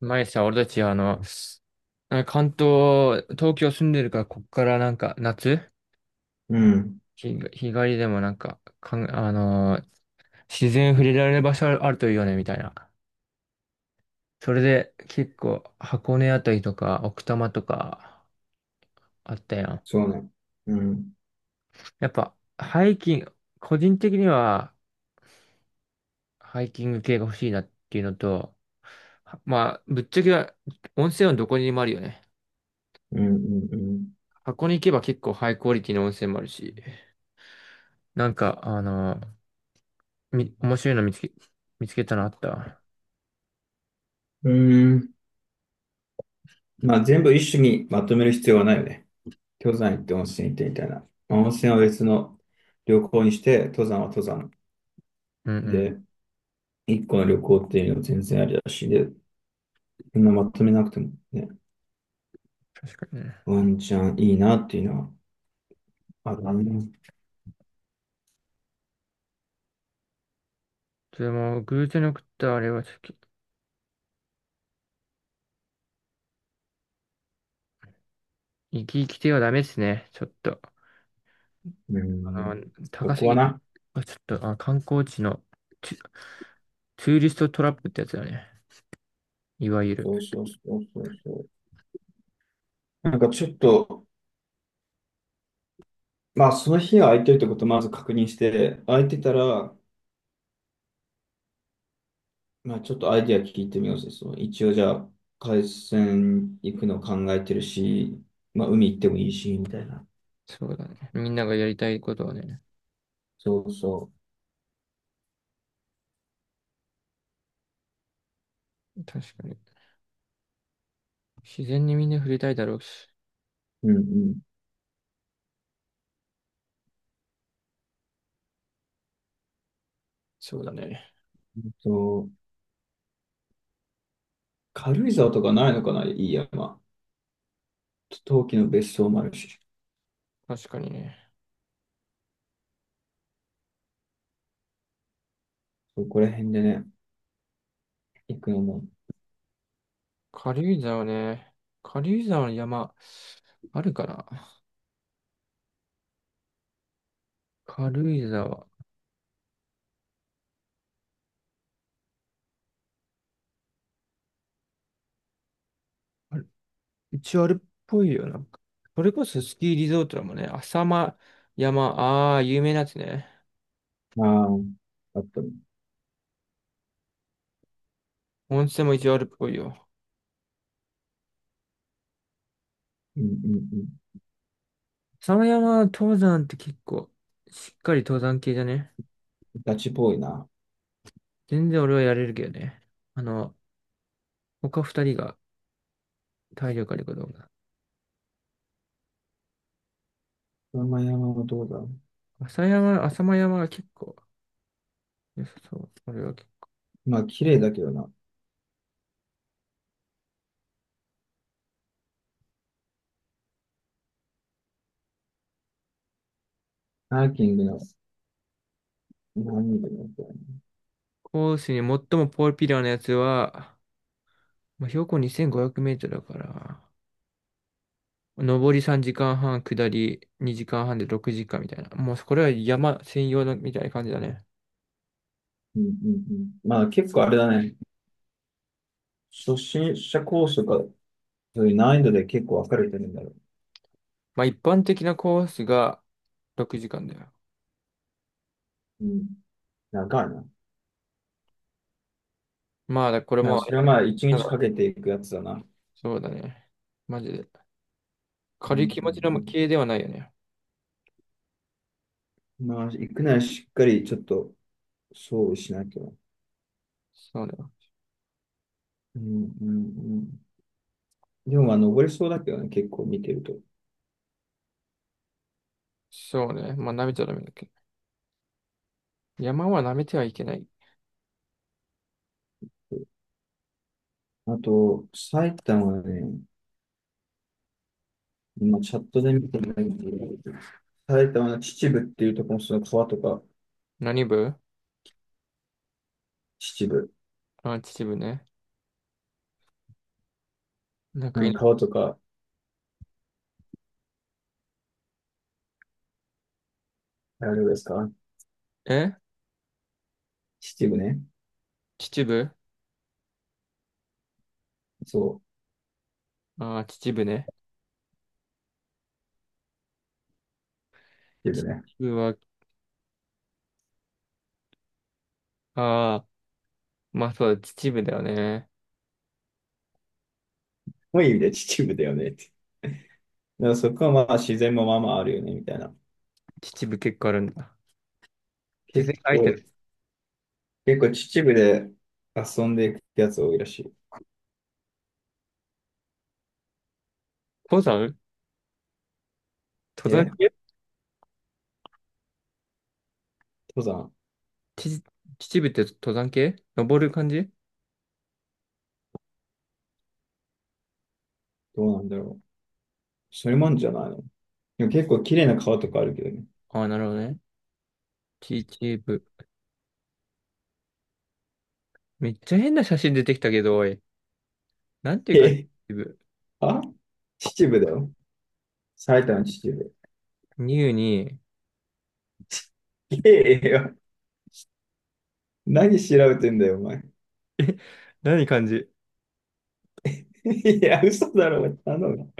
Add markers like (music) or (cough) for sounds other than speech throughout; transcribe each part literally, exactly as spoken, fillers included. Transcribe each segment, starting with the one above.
前さ、俺たち、あの、関東、東京住んでるから、こっからなんか、夏、うん、日、日帰りでもなんか、かん、あのー自然触れられる場所あるといいよね、みたいな。それで、結構、箱根あたりとか、奥多摩とか、あったやん。そうね。うん、やっぱ、ハイキング、個人的には、ハイキング系が欲しいなっていうのと、はまあ、ぶっちゃけは、温泉はどこにでもあるよね。うん、うん、箱根行けば結構ハイクオリティの温泉もあるし、なんか、あのーみ、面白いの見つけ、見つけたのあった。うん。うーん。まあ、全部一種にまとめる必要はないよね。登山行って温泉行ってみたいな。まあ温泉は別の旅行にして、登山は登山。うんうん。で、一個の旅行っていうのは全然ありだし、で、そんなまとめなくてもね、確かにね。ワンチャンいいなっていうのはあるな。うでも、偶然送ったあれはちょっと、生き生きてはダメですね。ちょっと、あん。の、そ高すこはぎ。な。あちょっと、あ、観光地のツ、ツーリストトラップってやつだね。いわゆる。そうそうそうそうそう。なんかちょっと、まあ、その日は空いてるってことをまず確認して、空いてたら、まあ、ちょっとアイディア聞いてみようぜ。そう、一応じゃあ、海鮮行くの考えてるし、まあ、海行ってもいいし、みたいな。そうだね。みんながやりたいことはね、そうそ確かに。自然にみんな触れたいだろうし。う。うんうん。そうだね。えっと、軽井沢とかないのかな、いい山。陶器の別荘もあるし、確かにね。そこら辺でね、行くのも、軽井沢ね。軽井沢の山、あるかな軽井沢。ある一応あるっぽいよ。なんか。それこそスキーリゾートだもんね。浅間山、ああ、有名なやつね。まあ、あったり。温泉も一応あるっぽいよ。うんうん浅間山登山って結構、しっかり登山系じゃね。うん。ガチっぽいな。全然俺はやれるけどね。あの、他ふたりが体力あるかどうか。山々はどうだろ浅山、浅間山が結構良さそう。俺は結構う。まあ、綺麗だけどな。ハーキングの何人かになったよね。コースに最もポピュラーなやつは、まあ、標高にせんごひゃくメートルだから、上りさんじかんはん、下りにじかんはんでろくじかんみたいな。もうこれは山専用のみたいな感じだね。うんうんうん。まあ、結構あれだね。初心者コースとか、そういう難易度で結構分かれてるんだろまあ一般的なコースがろくじかんだよ。う。うん。長いな。だかまあだこれらもあそれれはだ。まあ、一なん日かかけていくやつだな。そうだね。マジで。う軽いん気持ちうの系んではないよね。うん、まあ、行くならしっかりちょっと、そうしなきゃ。そうね。うんうんうん、でも、まあ、登れそうだけどね、結構見てると。そうね。まあ舐めちゃダメだっけど。山は舐めてはいけない。あと、埼玉はね、今チャットで見てないんだけど、埼玉の秩父っていうところのその川とか、何部？秩父。あ、秩父ね。なんなかんい、か川とか、あれですかえ秩父ね。秩父、そあ、秩父ね。う、秩父秩ね。父は、あまあそうだ、秩父だよね。もういい意味で秩父だよねって。でもそこはまあ自然もまあまああるよね、みたいな。秩父結構あるんだ。自結然相手構、の結構秩父で遊んでいくやつ多いらし登山登い。山え系。登山ち秩父って登山系登る感じ？どうなんだろう。それもあるんじゃないのでも結構綺麗な川とかあるけどね。ああー、なるほどね。秩父。めっちゃ変な写真出てきたけど、おい。なんていう感じえ秩父。あ秩父だよ。埼玉秩父。ニューに。ええよ。何調べてんだよ、お前。え、何感じ (laughs) いや、嘘だろ、頼む。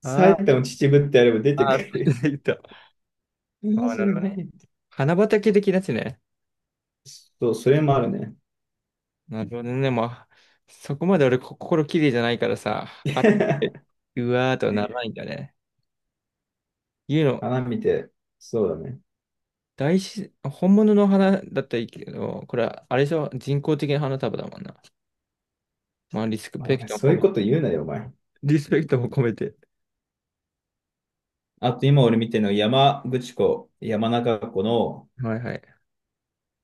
埼ああ、玉秩父ってやれば出てああ、く出るてきた。よ。マああ、なジるでほど何ね。言って。花畑的なやつね。そう、それもあるね。なるほどね。まあ、そこまで俺こ心綺麗じゃないからさ、花、(laughs) うわーとはならないんだね。言うの、花見て、そうだね。大自然、本物の花だったらいいけど、これは、あれでしょ人工的な花束だもんな。まあ、リスペまクあ、トもそう込いうめ、こと言うなよ、お前。リスペクトも込めて。あと今俺見てるのは山口湖、山中湖の、はいはい。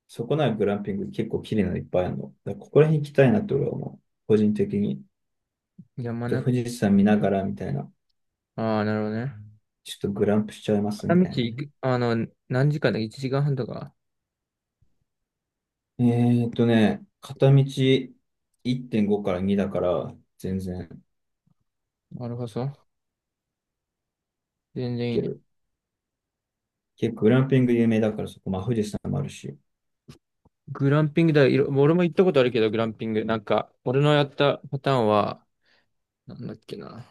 そこなグランピング結構綺麗なのいっぱいあるの。だからここら辺行きたいなって俺は思う。個人的に。山じゃあ中、富士山見ながらみたいな。ああ、なるほどね。ちょっとグランプしちゃいますみ片道たいな行ね。く、あの、何時間だ ?いち 時間半とか。えーっとね、片道いってんごからにだから全然行なるほど。全然いいけね。る。結構グランピング有名だからそこ、まあ富士山もあるし。グランピングだ、いろ、俺も行ったことあるけど、グランピング。なんか、俺のやったパターンは、なんだっけな。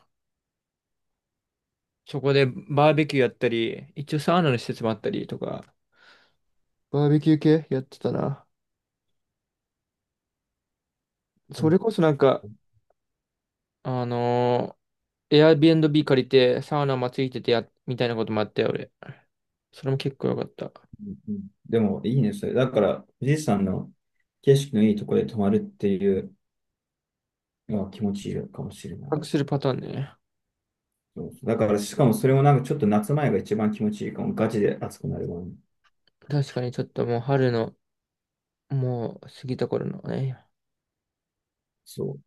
そこでバーベキューやったり、一応サウナの施設もあったりとか、バーベキュー系やってたな。うそんれこそなんか、うあのー、エアビーアンドビー 借りてサウナもついててや、みたいなこともあったよ、俺。それも結構良かった。んうんでもいいね、それ。だから富士山の景色のいいところで泊まるっていうのは気持ちいいかもしれない。隠するパターンね。そうそうだから、しかもそれもなんかちょっと夏前が一番気持ちいいかも。ガチで暑くなるわ、ね。確かにちょっともう春の、もう過ぎた頃のね。そ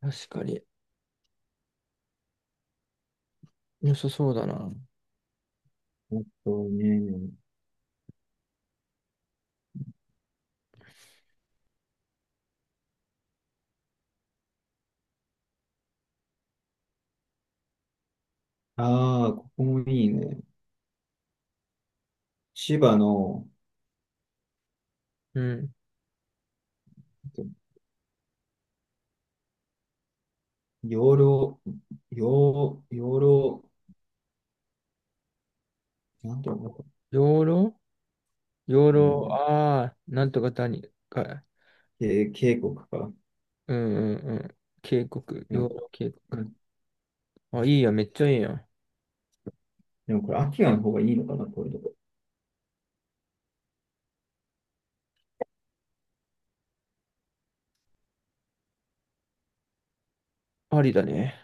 確かに良さそうだな。う。あとね、ああ、ここもいいね。千葉の、うん。養老、養、養老、なんていうのか養老養な、う老、ん、ああ、なんとか谷かい。け渓谷か。うんうんうん。渓谷、でも、養老渓谷。うんあ、いいや、めっちゃいいやん。でもこれ、秋の方がいいのかな、こういうとこ。ありだね。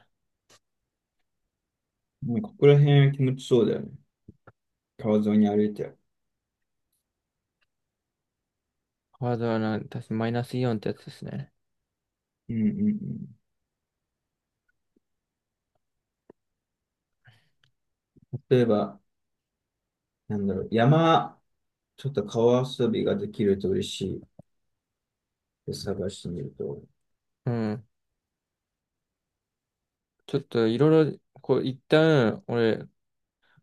もうここら辺気持ちそうだよね。川沿いに歩いて。ハードはな、確かマイナスイオンってやつですね。うんうんうん。例えば、なんだろう、山、ちょっと川遊びができると嬉しい。探してみると。うん。ちょっといろいろ、こう、一旦、俺、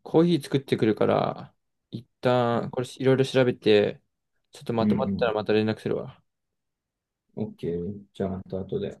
コーヒー作ってくるから、一旦、これいろいろ調べて、ちょっとうまとまったらんまた連絡するわ。うん。オーケー。じゃあ、また後で。